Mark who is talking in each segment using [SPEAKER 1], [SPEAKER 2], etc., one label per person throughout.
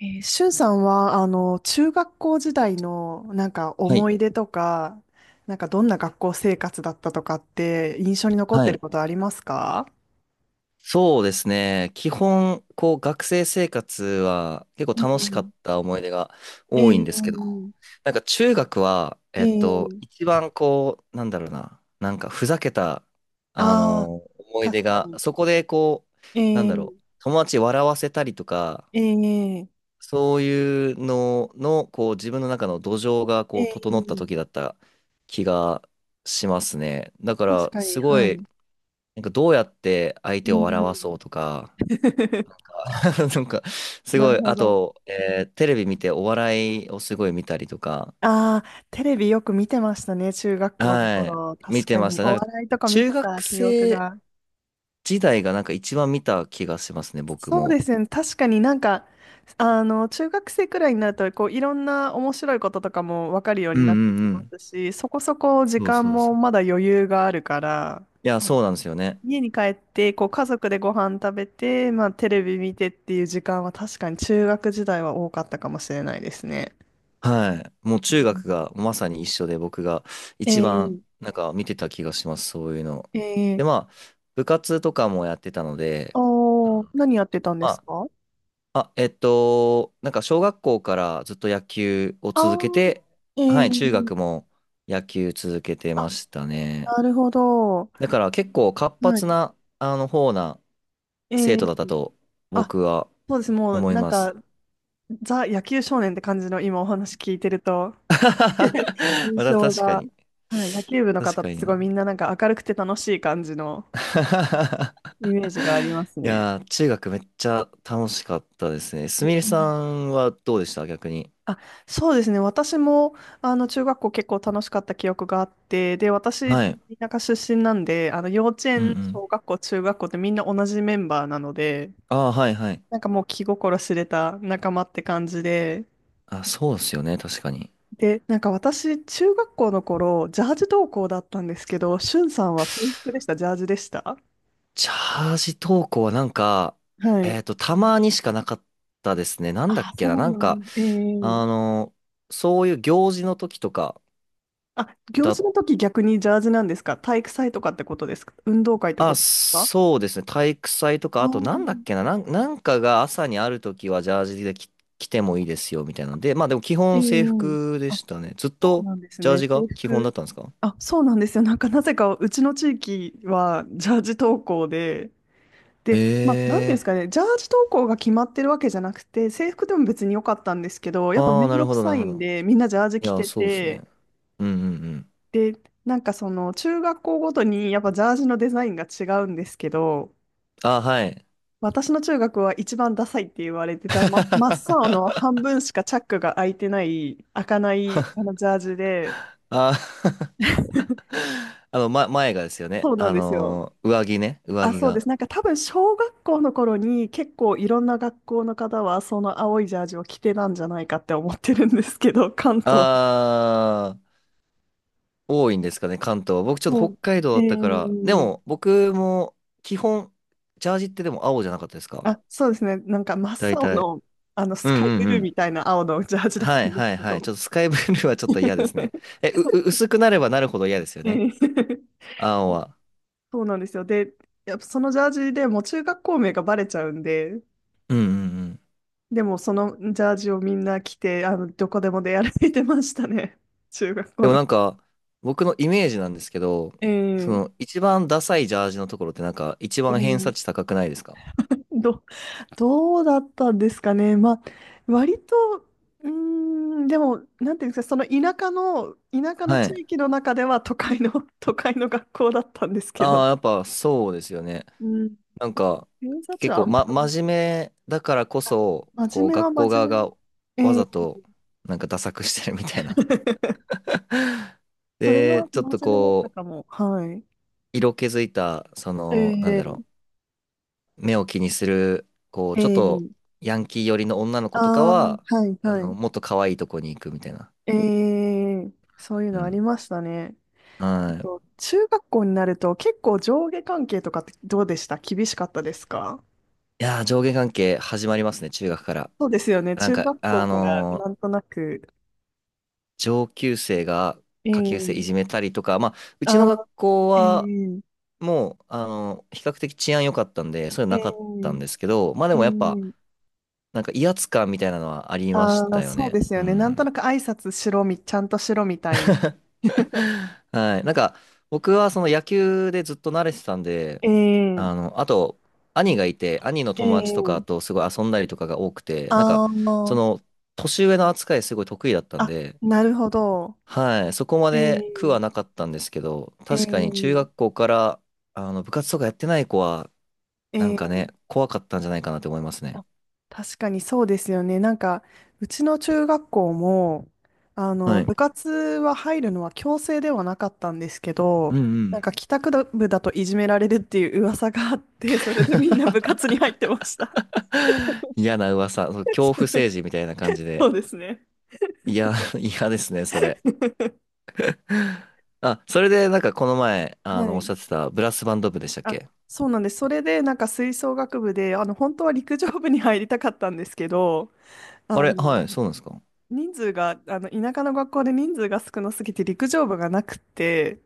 [SPEAKER 1] しゅんさんは、中学校時代の、なんか
[SPEAKER 2] は
[SPEAKER 1] 思
[SPEAKER 2] い。
[SPEAKER 1] い出とか、なんかどんな学校生活だったとかって、印象に残っ
[SPEAKER 2] は
[SPEAKER 1] てる
[SPEAKER 2] い。
[SPEAKER 1] ことありますか？
[SPEAKER 2] そうですね。基本、学生生活は結
[SPEAKER 1] う
[SPEAKER 2] 構楽しか
[SPEAKER 1] ん。
[SPEAKER 2] った思い出が多いん
[SPEAKER 1] え
[SPEAKER 2] ですけど、
[SPEAKER 1] え。
[SPEAKER 2] なんか中学は、
[SPEAKER 1] え。え。
[SPEAKER 2] 一番なんかふざけた、
[SPEAKER 1] ああ
[SPEAKER 2] 思
[SPEAKER 1] ー、
[SPEAKER 2] い出
[SPEAKER 1] 確か
[SPEAKER 2] が、
[SPEAKER 1] に。
[SPEAKER 2] そこで
[SPEAKER 1] え。え。
[SPEAKER 2] 友達笑わせたりとか、
[SPEAKER 1] え。え。
[SPEAKER 2] そういうのの、自分の中の土壌が
[SPEAKER 1] え
[SPEAKER 2] 整った時
[SPEAKER 1] ー。
[SPEAKER 2] だった気がしますね。だか
[SPEAKER 1] 確
[SPEAKER 2] ら、
[SPEAKER 1] かに、
[SPEAKER 2] すご
[SPEAKER 1] は
[SPEAKER 2] い、
[SPEAKER 1] い。
[SPEAKER 2] なんかどうやって相
[SPEAKER 1] う
[SPEAKER 2] 手を笑
[SPEAKER 1] ん。
[SPEAKER 2] わそうとか、なんかす
[SPEAKER 1] な
[SPEAKER 2] ご
[SPEAKER 1] る
[SPEAKER 2] い、
[SPEAKER 1] ほ
[SPEAKER 2] あ
[SPEAKER 1] ど。
[SPEAKER 2] と、テレビ見てお笑いをすごい見たりとか、
[SPEAKER 1] ああ、テレビよく見てましたね、中学校の
[SPEAKER 2] はい、
[SPEAKER 1] 頃。
[SPEAKER 2] 見
[SPEAKER 1] 確
[SPEAKER 2] て
[SPEAKER 1] か
[SPEAKER 2] まし
[SPEAKER 1] に、
[SPEAKER 2] た。
[SPEAKER 1] お
[SPEAKER 2] なんか
[SPEAKER 1] 笑いとか見て
[SPEAKER 2] 中学
[SPEAKER 1] た記憶
[SPEAKER 2] 生
[SPEAKER 1] が。
[SPEAKER 2] 時代がなんか一番見た気がしますね、僕
[SPEAKER 1] そう
[SPEAKER 2] も。
[SPEAKER 1] ですよね。確かになんか、中学生くらいになると、こう、いろんな面白いこととかも分かるよう
[SPEAKER 2] うん
[SPEAKER 1] に
[SPEAKER 2] う
[SPEAKER 1] なってき
[SPEAKER 2] んう
[SPEAKER 1] ま
[SPEAKER 2] ん。
[SPEAKER 1] すし、そこそこ時
[SPEAKER 2] そう
[SPEAKER 1] 間
[SPEAKER 2] そう
[SPEAKER 1] も
[SPEAKER 2] そう。
[SPEAKER 1] まだ余裕があるから、
[SPEAKER 2] いや、そうなんですよね。
[SPEAKER 1] 家に帰って、こう、家族でご飯食べて、まあ、テレビ見てっていう時間は確かに中学時代は多かったかもしれないですね。
[SPEAKER 2] はい。もう
[SPEAKER 1] う
[SPEAKER 2] 中学
[SPEAKER 1] ん。
[SPEAKER 2] がまさに一緒で僕が一番
[SPEAKER 1] え
[SPEAKER 2] なんか見てた気がします、そういうの。
[SPEAKER 1] ー。え
[SPEAKER 2] で、
[SPEAKER 1] ー。
[SPEAKER 2] まあ、部活とかもやってたので、
[SPEAKER 1] おー、何やってたんで
[SPEAKER 2] ま
[SPEAKER 1] す
[SPEAKER 2] あ、
[SPEAKER 1] か？
[SPEAKER 2] あ、なんか小学校からずっと野球を
[SPEAKER 1] ああ
[SPEAKER 2] 続けて、
[SPEAKER 1] ー。え
[SPEAKER 2] はい、中
[SPEAKER 1] ー。
[SPEAKER 2] 学も野球続けてま
[SPEAKER 1] あ、
[SPEAKER 2] したね。
[SPEAKER 1] なるほど。
[SPEAKER 2] だから結構活
[SPEAKER 1] は
[SPEAKER 2] 発
[SPEAKER 1] い。
[SPEAKER 2] な、あの方な
[SPEAKER 1] え
[SPEAKER 2] 生徒だった
[SPEAKER 1] ー。
[SPEAKER 2] と
[SPEAKER 1] あ、
[SPEAKER 2] 僕は
[SPEAKER 1] そうです。もう、
[SPEAKER 2] 思い
[SPEAKER 1] なん
[SPEAKER 2] ま
[SPEAKER 1] か、
[SPEAKER 2] す。
[SPEAKER 1] ザ・野球少年って感じの今お話聞いてると、印
[SPEAKER 2] また
[SPEAKER 1] 象
[SPEAKER 2] 確か
[SPEAKER 1] が、
[SPEAKER 2] に。
[SPEAKER 1] はい、野球部の
[SPEAKER 2] 確
[SPEAKER 1] 方っ
[SPEAKER 2] か
[SPEAKER 1] て
[SPEAKER 2] に
[SPEAKER 1] すごいみ
[SPEAKER 2] な。
[SPEAKER 1] んななんか明るくて楽しい感じの イメージがあります
[SPEAKER 2] い
[SPEAKER 1] ね。
[SPEAKER 2] やー、中学めっちゃ楽しかったですね。すみれ
[SPEAKER 1] う
[SPEAKER 2] さ
[SPEAKER 1] ん。
[SPEAKER 2] んはどうでした逆に？
[SPEAKER 1] あ、そうですね。私も、中学校結構楽しかった記憶があって、で、私、
[SPEAKER 2] はい。
[SPEAKER 1] 田舎出身なんで、幼稚
[SPEAKER 2] うんう
[SPEAKER 1] 園、小
[SPEAKER 2] ん。
[SPEAKER 1] 学校、中学校ってみんな同じメンバーなので、
[SPEAKER 2] ああ、はいはい。
[SPEAKER 1] なんかもう気心知れた仲間って感じで、
[SPEAKER 2] あ、そうですよね。確かに。
[SPEAKER 1] で、なんか私、中学校の頃、ジャージ登校だったんですけど、しゅんさんは制服でした、ジャージでした？
[SPEAKER 2] チャージ投稿はなんか、
[SPEAKER 1] はい。
[SPEAKER 2] たまにしかなかったですね。なんだ
[SPEAKER 1] あ、
[SPEAKER 2] っけ
[SPEAKER 1] そ
[SPEAKER 2] な、
[SPEAKER 1] う
[SPEAKER 2] なん
[SPEAKER 1] な
[SPEAKER 2] か、
[SPEAKER 1] ん。ええ。
[SPEAKER 2] あの、そういう行事の時とか
[SPEAKER 1] あ、行事
[SPEAKER 2] だ、
[SPEAKER 1] の時逆にジャージなんですか？体育祭とかってことですか？運動会とか
[SPEAKER 2] あ、
[SPEAKER 1] ですか？
[SPEAKER 2] そうですね、体育祭とか、
[SPEAKER 1] ああ
[SPEAKER 2] あとなんだっ
[SPEAKER 1] ー。
[SPEAKER 2] けな、なんかが朝にある時はジャージで着てもいいですよ、みたいなので、まあでも基
[SPEAKER 1] え
[SPEAKER 2] 本制
[SPEAKER 1] え。
[SPEAKER 2] 服で
[SPEAKER 1] あ、
[SPEAKER 2] したね。ずっ
[SPEAKER 1] そう
[SPEAKER 2] と
[SPEAKER 1] なんです
[SPEAKER 2] ジャー
[SPEAKER 1] ね。
[SPEAKER 2] ジが
[SPEAKER 1] 制
[SPEAKER 2] 基本だっ
[SPEAKER 1] 服。
[SPEAKER 2] たんですか？
[SPEAKER 1] あ、そうなんですよ。なんかなぜかうちの地域はジャージ登校で、で、まあ、なんていうんで
[SPEAKER 2] ええ
[SPEAKER 1] すかね、ジャージ投稿が決まってるわけじゃなくて、制服でも別に良かったんですけど、
[SPEAKER 2] ー、
[SPEAKER 1] やっぱ
[SPEAKER 2] ああ、
[SPEAKER 1] めん
[SPEAKER 2] な
[SPEAKER 1] ど
[SPEAKER 2] るほ
[SPEAKER 1] く
[SPEAKER 2] ど、な
[SPEAKER 1] さ
[SPEAKER 2] る
[SPEAKER 1] い
[SPEAKER 2] ほ
[SPEAKER 1] ん
[SPEAKER 2] ど。
[SPEAKER 1] で、みんなジャージ
[SPEAKER 2] い
[SPEAKER 1] 着
[SPEAKER 2] や、
[SPEAKER 1] て
[SPEAKER 2] そうです
[SPEAKER 1] て、
[SPEAKER 2] ね。うんうんうん。
[SPEAKER 1] で、なんかその中学校ごとにやっぱジャージのデザインが違うんですけど、
[SPEAKER 2] あ、はい。
[SPEAKER 1] 私の中学は一番ダサいって言われてた、ま、真っ青 の半分しかチャックが開いてない、開かないあのジャージで、
[SPEAKER 2] あー前がですよね。
[SPEAKER 1] そうなんですよ。
[SPEAKER 2] 上着ね。上
[SPEAKER 1] あ、
[SPEAKER 2] 着
[SPEAKER 1] そうで
[SPEAKER 2] が。
[SPEAKER 1] す。なんか多分小学校の頃に結構いろんな学校の方はその青いジャージを着てたんじゃないかって思ってるんですけど、関東。
[SPEAKER 2] あー、多いんですかね、関東は。僕ちょっ
[SPEAKER 1] そ
[SPEAKER 2] と北
[SPEAKER 1] う。
[SPEAKER 2] 海道
[SPEAKER 1] え
[SPEAKER 2] だったから。で
[SPEAKER 1] ー。
[SPEAKER 2] も、僕も基本、ジャージってでも青じゃなかったですか
[SPEAKER 1] あ、そうですね。なんか真
[SPEAKER 2] 大
[SPEAKER 1] っ青
[SPEAKER 2] 体？
[SPEAKER 1] の、あの
[SPEAKER 2] う
[SPEAKER 1] ス
[SPEAKER 2] ん
[SPEAKER 1] カイブ
[SPEAKER 2] うん
[SPEAKER 1] ル
[SPEAKER 2] う
[SPEAKER 1] ーみ
[SPEAKER 2] ん。
[SPEAKER 1] たいな青のジャージだっ
[SPEAKER 2] は
[SPEAKER 1] た
[SPEAKER 2] い
[SPEAKER 1] んです
[SPEAKER 2] はい
[SPEAKER 1] け
[SPEAKER 2] はい。ち
[SPEAKER 1] ど。
[SPEAKER 2] ょっとスカイブルーはちょっと嫌ですね。え、う、う薄くなればなるほど嫌ですよ
[SPEAKER 1] え
[SPEAKER 2] ね。
[SPEAKER 1] ー。
[SPEAKER 2] 青は。
[SPEAKER 1] そうなんですよ。で、やっぱそのジャージでもう中学校名がバレちゃうんで、
[SPEAKER 2] うんうんうん。
[SPEAKER 1] でもそのジャージをみんな着て、どこでも出歩いてましたね。中学
[SPEAKER 2] で
[SPEAKER 1] 校
[SPEAKER 2] も
[SPEAKER 1] の。
[SPEAKER 2] なんか、僕のイメージなんですけど、
[SPEAKER 1] えー。
[SPEAKER 2] 一番ダサいジャージのところってなんか、一
[SPEAKER 1] う
[SPEAKER 2] 番偏
[SPEAKER 1] ん。
[SPEAKER 2] 差値高くないですか？
[SPEAKER 1] ど、どうだったんですかね。まあ、割と、うーん、でも、なんていうんですか、その田舎の
[SPEAKER 2] はい。
[SPEAKER 1] 地域の中では都会の、都会の学校だったんですけど、
[SPEAKER 2] ああ、やっぱそうですよね。
[SPEAKER 1] うん。
[SPEAKER 2] なん
[SPEAKER 1] で、
[SPEAKER 2] か、
[SPEAKER 1] 偏差値
[SPEAKER 2] 結
[SPEAKER 1] は
[SPEAKER 2] 構、
[SPEAKER 1] あんまり、
[SPEAKER 2] 真面目だからこそ、
[SPEAKER 1] 真面目は
[SPEAKER 2] 学校
[SPEAKER 1] 真
[SPEAKER 2] 側
[SPEAKER 1] 面目。
[SPEAKER 2] がわ
[SPEAKER 1] ええ。
[SPEAKER 2] ざと、なんか、ダサくしてるみたいな。
[SPEAKER 1] それ
[SPEAKER 2] で、
[SPEAKER 1] は
[SPEAKER 2] ちょっと
[SPEAKER 1] 真面目だったかも。はい。
[SPEAKER 2] 色気づいた、
[SPEAKER 1] ええ。
[SPEAKER 2] 目を気にする、ちょっと、
[SPEAKER 1] ええ。
[SPEAKER 2] ヤンキー寄りの女の子とか
[SPEAKER 1] ああー、
[SPEAKER 2] は、
[SPEAKER 1] はい、はい。
[SPEAKER 2] もっと可愛いとこに行くみたいな。
[SPEAKER 1] ええ。そういう
[SPEAKER 2] う
[SPEAKER 1] のあり
[SPEAKER 2] ん。
[SPEAKER 1] ましたね。
[SPEAKER 2] はい。
[SPEAKER 1] と、中学校になると結構上下関係とかってどうでした？厳しかったですか？
[SPEAKER 2] いやー、上下関係始まりますね、中学から。
[SPEAKER 1] そうですよね。
[SPEAKER 2] なん
[SPEAKER 1] 中
[SPEAKER 2] か、
[SPEAKER 1] 学校からなんとなく。
[SPEAKER 2] 上級生が下級生い
[SPEAKER 1] え
[SPEAKER 2] じ
[SPEAKER 1] え。
[SPEAKER 2] めたりとか、まあ、うちの学
[SPEAKER 1] あ
[SPEAKER 2] 校
[SPEAKER 1] あ。
[SPEAKER 2] は
[SPEAKER 1] ええ。
[SPEAKER 2] もう、比較的治安良かったんで、そういうなかったん
[SPEAKER 1] ええ。
[SPEAKER 2] ですけど、まあで
[SPEAKER 1] え
[SPEAKER 2] もやっぱ、
[SPEAKER 1] ー。
[SPEAKER 2] なんか威圧感みたいなのはありまし
[SPEAKER 1] あー、
[SPEAKER 2] たよ
[SPEAKER 1] そう
[SPEAKER 2] ね。
[SPEAKER 1] です
[SPEAKER 2] う
[SPEAKER 1] よね。なんと
[SPEAKER 2] ん。
[SPEAKER 1] なく挨拶しろみ、ちゃんとしろみたいな。
[SPEAKER 2] はい。なんか、僕はその野球でずっと慣れてたんで、
[SPEAKER 1] ええ。
[SPEAKER 2] あと、兄がいて、兄の友達と
[SPEAKER 1] え
[SPEAKER 2] か
[SPEAKER 1] え。
[SPEAKER 2] とすごい遊んだりとかが多くて、なんか、
[SPEAKER 1] ああ、
[SPEAKER 2] その、年上の扱いすごい得意だったん
[SPEAKER 1] あ、
[SPEAKER 2] で、
[SPEAKER 1] なるほど。
[SPEAKER 2] はい、そこま
[SPEAKER 1] え
[SPEAKER 2] で苦
[SPEAKER 1] え。
[SPEAKER 2] はなかったんですけど、確かに中
[SPEAKER 1] ええ。
[SPEAKER 2] 学校から部活とかやってない子は、なんかね、
[SPEAKER 1] ええ。
[SPEAKER 2] 怖かったんじゃないかなって思いますね。
[SPEAKER 1] あ、確かにそうですよね。なんか、うちの中学校も、
[SPEAKER 2] はい。
[SPEAKER 1] 部活は入るのは強制ではなかったんですけ
[SPEAKER 2] う
[SPEAKER 1] ど、
[SPEAKER 2] んう
[SPEAKER 1] なん
[SPEAKER 2] ん。
[SPEAKER 1] か帰宅部だといじめられるっていう噂があって、それでみんな部活に入ってました。
[SPEAKER 2] 嫌な噂、そう恐怖 政治みたいな感じで。
[SPEAKER 1] そうですね。
[SPEAKER 2] いや、嫌ですね、それ。あ、それでなんかこの前、
[SPEAKER 1] は
[SPEAKER 2] おっし
[SPEAKER 1] い。
[SPEAKER 2] ゃってたブラスバンド部でしたっ
[SPEAKER 1] あ、
[SPEAKER 2] け？
[SPEAKER 1] そうなんです。それで、なんか吹奏楽部で、本当は陸上部に入りたかったんですけど、
[SPEAKER 2] あ
[SPEAKER 1] あ
[SPEAKER 2] れ、は
[SPEAKER 1] の、
[SPEAKER 2] い、そうなんですか。
[SPEAKER 1] 人数が、田舎の学校で人数が少なすぎて陸上部がなくて、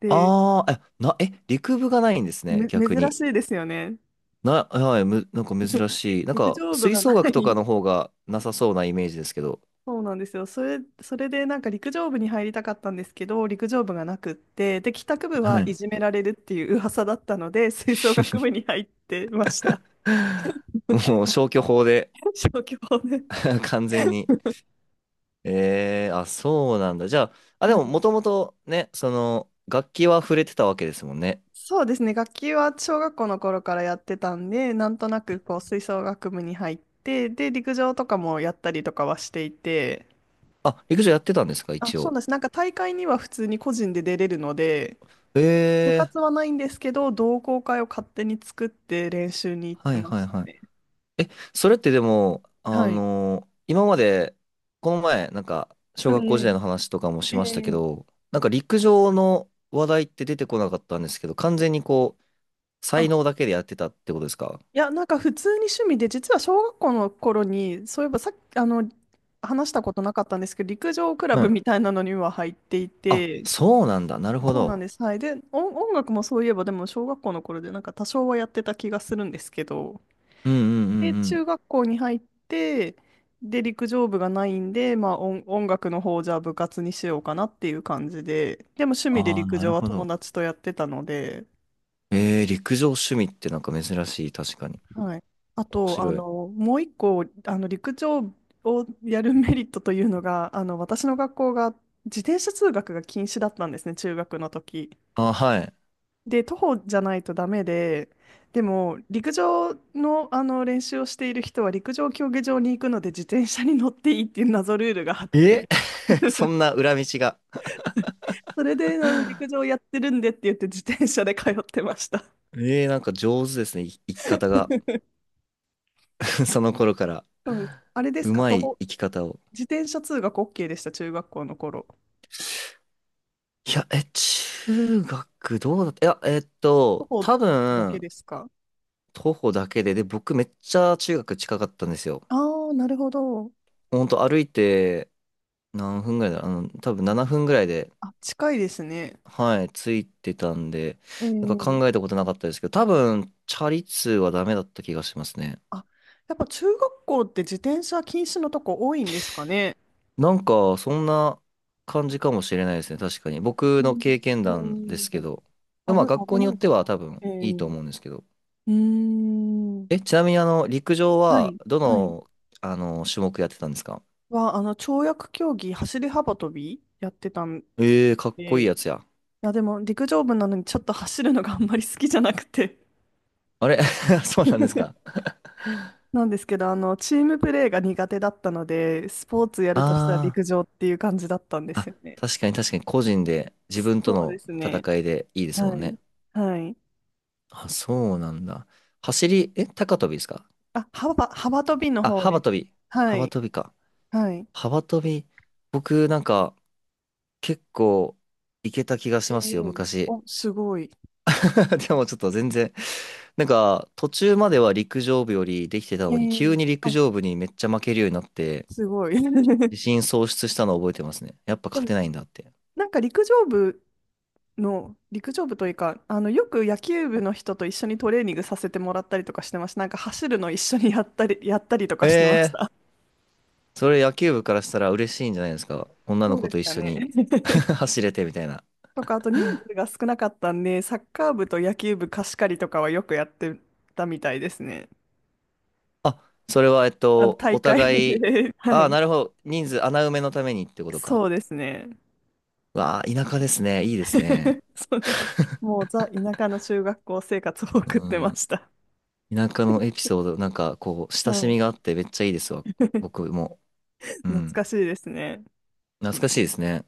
[SPEAKER 1] で、
[SPEAKER 2] ああ、え、陸部がないんですね、逆
[SPEAKER 1] 珍
[SPEAKER 2] に。
[SPEAKER 1] しいですよね。
[SPEAKER 2] はい、なんか 珍しい。なん
[SPEAKER 1] 陸
[SPEAKER 2] か、
[SPEAKER 1] 上部
[SPEAKER 2] 吹
[SPEAKER 1] がな
[SPEAKER 2] 奏楽とか
[SPEAKER 1] い。
[SPEAKER 2] の方がなさそうなイメージですけど。
[SPEAKER 1] そうなんですよ。それでなんか陸上部に入りたかったんですけど、陸上部がなくって、で、帰宅部は
[SPEAKER 2] は
[SPEAKER 1] い
[SPEAKER 2] い
[SPEAKER 1] じめられるっていう噂だったので、吹奏楽部に入ってました。
[SPEAKER 2] もう消去法で
[SPEAKER 1] 小規模で。
[SPEAKER 2] 完全に。あ、そうなんだ。じゃあ、あ、で
[SPEAKER 1] は
[SPEAKER 2] も
[SPEAKER 1] い、
[SPEAKER 2] もともとね、楽器は触れてたわけですもんね。
[SPEAKER 1] そうですね。楽器は小学校の頃からやってたんで、なんとなくこう吹奏楽部に入って、で、陸上とかもやったりとかはしていて、
[SPEAKER 2] あ、陸上やってたんですか、
[SPEAKER 1] あ、
[SPEAKER 2] 一
[SPEAKER 1] そう
[SPEAKER 2] 応？
[SPEAKER 1] なんです。なんか大会には普通に個人で出れるので、
[SPEAKER 2] え
[SPEAKER 1] 部
[SPEAKER 2] ー、
[SPEAKER 1] 活はないんですけど、同好会を勝手に作って練習に行っ
[SPEAKER 2] は
[SPEAKER 1] て
[SPEAKER 2] い
[SPEAKER 1] ま
[SPEAKER 2] はい
[SPEAKER 1] した
[SPEAKER 2] は
[SPEAKER 1] ね。
[SPEAKER 2] い。え、それってでも、
[SPEAKER 1] はい。
[SPEAKER 2] 今まで、この前、なんか、小
[SPEAKER 1] うん。
[SPEAKER 2] 学校時代の話とかもし
[SPEAKER 1] ええ。え
[SPEAKER 2] ましたけ
[SPEAKER 1] え。
[SPEAKER 2] ど、なんか陸上の話題って出てこなかったんですけど、完全に
[SPEAKER 1] あ、
[SPEAKER 2] 才能だけでやってたってことですか？
[SPEAKER 1] いや、なんか普通に趣味で、実は小学校の頃に、そういえばさっき、話したことなかったんですけど、陸上クラ
[SPEAKER 2] う
[SPEAKER 1] ブ
[SPEAKER 2] ん。
[SPEAKER 1] みたいなのには入ってい
[SPEAKER 2] あ、
[SPEAKER 1] て、
[SPEAKER 2] そうなんだ。なるほ
[SPEAKER 1] そうなん
[SPEAKER 2] ど。
[SPEAKER 1] です。はい。で、音楽もそういえば、でも小学校の頃で、なんか多少はやってた気がするんですけど、
[SPEAKER 2] うんうんう
[SPEAKER 1] で、
[SPEAKER 2] んう
[SPEAKER 1] 中
[SPEAKER 2] ん。
[SPEAKER 1] 学校に入って、で、陸上部がないんで、まあ音楽の方をじゃあ部活にしようかなっていう感じで、でも趣味で
[SPEAKER 2] ああ、
[SPEAKER 1] 陸
[SPEAKER 2] な
[SPEAKER 1] 上
[SPEAKER 2] る
[SPEAKER 1] は
[SPEAKER 2] ほ
[SPEAKER 1] 友
[SPEAKER 2] ど。
[SPEAKER 1] 達とやってたので、
[SPEAKER 2] 陸上趣味ってなんか珍しい、確かに。
[SPEAKER 1] はい。あ
[SPEAKER 2] 面
[SPEAKER 1] と、
[SPEAKER 2] 白い。
[SPEAKER 1] もう一個、陸上をやるメリットというのが、私の学校が自転車通学が禁止だったんですね、中学の時。
[SPEAKER 2] ああ、はい。
[SPEAKER 1] で、徒歩じゃないとダメで、でも、陸上の、あの練習をしている人は、陸上競技場に行くので、自転車に乗っていいっていう謎ルールがあって、
[SPEAKER 2] え そんな裏道が。
[SPEAKER 1] それで、あの陸上やってるんでって言って、自転車で通ってました。
[SPEAKER 2] なんか上手ですね、生き方が。その頃から。
[SPEAKER 1] そうです。あれです
[SPEAKER 2] う
[SPEAKER 1] か、
[SPEAKER 2] ま
[SPEAKER 1] 徒
[SPEAKER 2] い
[SPEAKER 1] 歩、
[SPEAKER 2] 生き方を。
[SPEAKER 1] 自転車通学 OK でした、中学校の頃？
[SPEAKER 2] いや、中学どうだった？いや、
[SPEAKER 1] 徒歩
[SPEAKER 2] 多
[SPEAKER 1] だけ
[SPEAKER 2] 分、
[SPEAKER 1] ですか？
[SPEAKER 2] 徒歩だけで、で、僕めっちゃ中学近かったんですよ。
[SPEAKER 1] ああー、なるほど。
[SPEAKER 2] ほんと歩いて何分ぐらいだ、多分7分ぐらいで
[SPEAKER 1] あ、近いですね。
[SPEAKER 2] はい、ついてたんで、
[SPEAKER 1] え
[SPEAKER 2] なんか
[SPEAKER 1] ー。
[SPEAKER 2] 考えたことなかったですけど、多分、チャリ通はダメだった気がしますね。
[SPEAKER 1] あ、やっぱ中学校って自転車禁止のとこ多いんですかね。
[SPEAKER 2] なんか、そんな感じかもしれないですね、確かに。
[SPEAKER 1] う
[SPEAKER 2] 僕の
[SPEAKER 1] ん、
[SPEAKER 2] 経験
[SPEAKER 1] う
[SPEAKER 2] 談で
[SPEAKER 1] ん。
[SPEAKER 2] すけど。で
[SPEAKER 1] 危、
[SPEAKER 2] もまあ、学
[SPEAKER 1] 危
[SPEAKER 2] 校によ
[SPEAKER 1] な
[SPEAKER 2] っ
[SPEAKER 1] い
[SPEAKER 2] て
[SPEAKER 1] から
[SPEAKER 2] は
[SPEAKER 1] か。
[SPEAKER 2] 多分
[SPEAKER 1] ええ。
[SPEAKER 2] いいと
[SPEAKER 1] う
[SPEAKER 2] 思うんですけど。
[SPEAKER 1] ーん。
[SPEAKER 2] え、ちなみに陸上
[SPEAKER 1] は
[SPEAKER 2] は、
[SPEAKER 1] い、
[SPEAKER 2] ど
[SPEAKER 1] はい。
[SPEAKER 2] の、種目やってたんですか？
[SPEAKER 1] 跳躍競技、走り幅跳びやってたん
[SPEAKER 2] かっこい
[SPEAKER 1] で、
[SPEAKER 2] い
[SPEAKER 1] い
[SPEAKER 2] やつや。
[SPEAKER 1] や、でも陸上部なのにちょっと走るのがあんまり好きじゃなくて。
[SPEAKER 2] あれ そうなんですか。
[SPEAKER 1] なんですけど、チームプレーが苦手だったので、スポーツや
[SPEAKER 2] あ
[SPEAKER 1] るとしたら陸
[SPEAKER 2] ー、
[SPEAKER 1] 上っていう感じだったんですよね。
[SPEAKER 2] 確かに確かに個人で、自分と
[SPEAKER 1] そうで
[SPEAKER 2] の
[SPEAKER 1] すね。
[SPEAKER 2] 戦いでいいですも
[SPEAKER 1] は
[SPEAKER 2] んね。
[SPEAKER 1] い。はい。
[SPEAKER 2] あ、そうなんだ。走り、え、高跳びですか？
[SPEAKER 1] あ、幅跳びの
[SPEAKER 2] あ、
[SPEAKER 1] 方で
[SPEAKER 2] 幅
[SPEAKER 1] す。
[SPEAKER 2] 跳び。
[SPEAKER 1] は
[SPEAKER 2] 幅
[SPEAKER 1] い。
[SPEAKER 2] 跳びか。
[SPEAKER 1] はい。
[SPEAKER 2] 幅跳び。僕、なんか、結構、いけた気がし
[SPEAKER 1] え
[SPEAKER 2] ますよ、
[SPEAKER 1] え。
[SPEAKER 2] 昔。
[SPEAKER 1] お、すごい。
[SPEAKER 2] でも、ちょっと全然、なんか、途中までは陸上部よりできてた
[SPEAKER 1] え
[SPEAKER 2] のに、
[SPEAKER 1] え。
[SPEAKER 2] 急に陸
[SPEAKER 1] あ、
[SPEAKER 2] 上部にめっちゃ負けるようになって、
[SPEAKER 1] すごい。
[SPEAKER 2] 自 信喪失したのを覚えてますね。やっぱ
[SPEAKER 1] で
[SPEAKER 2] 勝
[SPEAKER 1] も、
[SPEAKER 2] てないんだって。
[SPEAKER 1] なんか陸上部の、陸上部というか、よく野球部の人と一緒にトレーニングさせてもらったりとかしてました。なんか走るの一緒にやったり、やったりとかしてまし
[SPEAKER 2] え
[SPEAKER 1] た。
[SPEAKER 2] それ野球部からしたら嬉しいんじゃないですか？女
[SPEAKER 1] そ
[SPEAKER 2] の
[SPEAKER 1] う
[SPEAKER 2] 子
[SPEAKER 1] です
[SPEAKER 2] と一
[SPEAKER 1] か
[SPEAKER 2] 緒
[SPEAKER 1] ね。
[SPEAKER 2] に 走れてみたいな。
[SPEAKER 1] とか、あと人数が少なかったんで、サッカー部と野球部貸し借りとかはよくやってたみたいですね。
[SPEAKER 2] あ、それは、
[SPEAKER 1] 大
[SPEAKER 2] お
[SPEAKER 1] 会
[SPEAKER 2] 互い、
[SPEAKER 1] で。は
[SPEAKER 2] ああ、
[SPEAKER 1] い。
[SPEAKER 2] なるほど。人数、穴埋めのためにってことか。
[SPEAKER 1] そうですね。
[SPEAKER 2] わあ、田舎ですね。いいですね。
[SPEAKER 1] そうです。もうザ・田舎の中学校生活を送っ
[SPEAKER 2] う
[SPEAKER 1] てま
[SPEAKER 2] ん。
[SPEAKER 1] した。
[SPEAKER 2] 田舎のエピソード、なんか、親
[SPEAKER 1] は
[SPEAKER 2] し
[SPEAKER 1] い。
[SPEAKER 2] みがあってめっちゃいいですわ。僕も。う
[SPEAKER 1] 懐か
[SPEAKER 2] ん。
[SPEAKER 1] しいですね。
[SPEAKER 2] 懐かしいですね。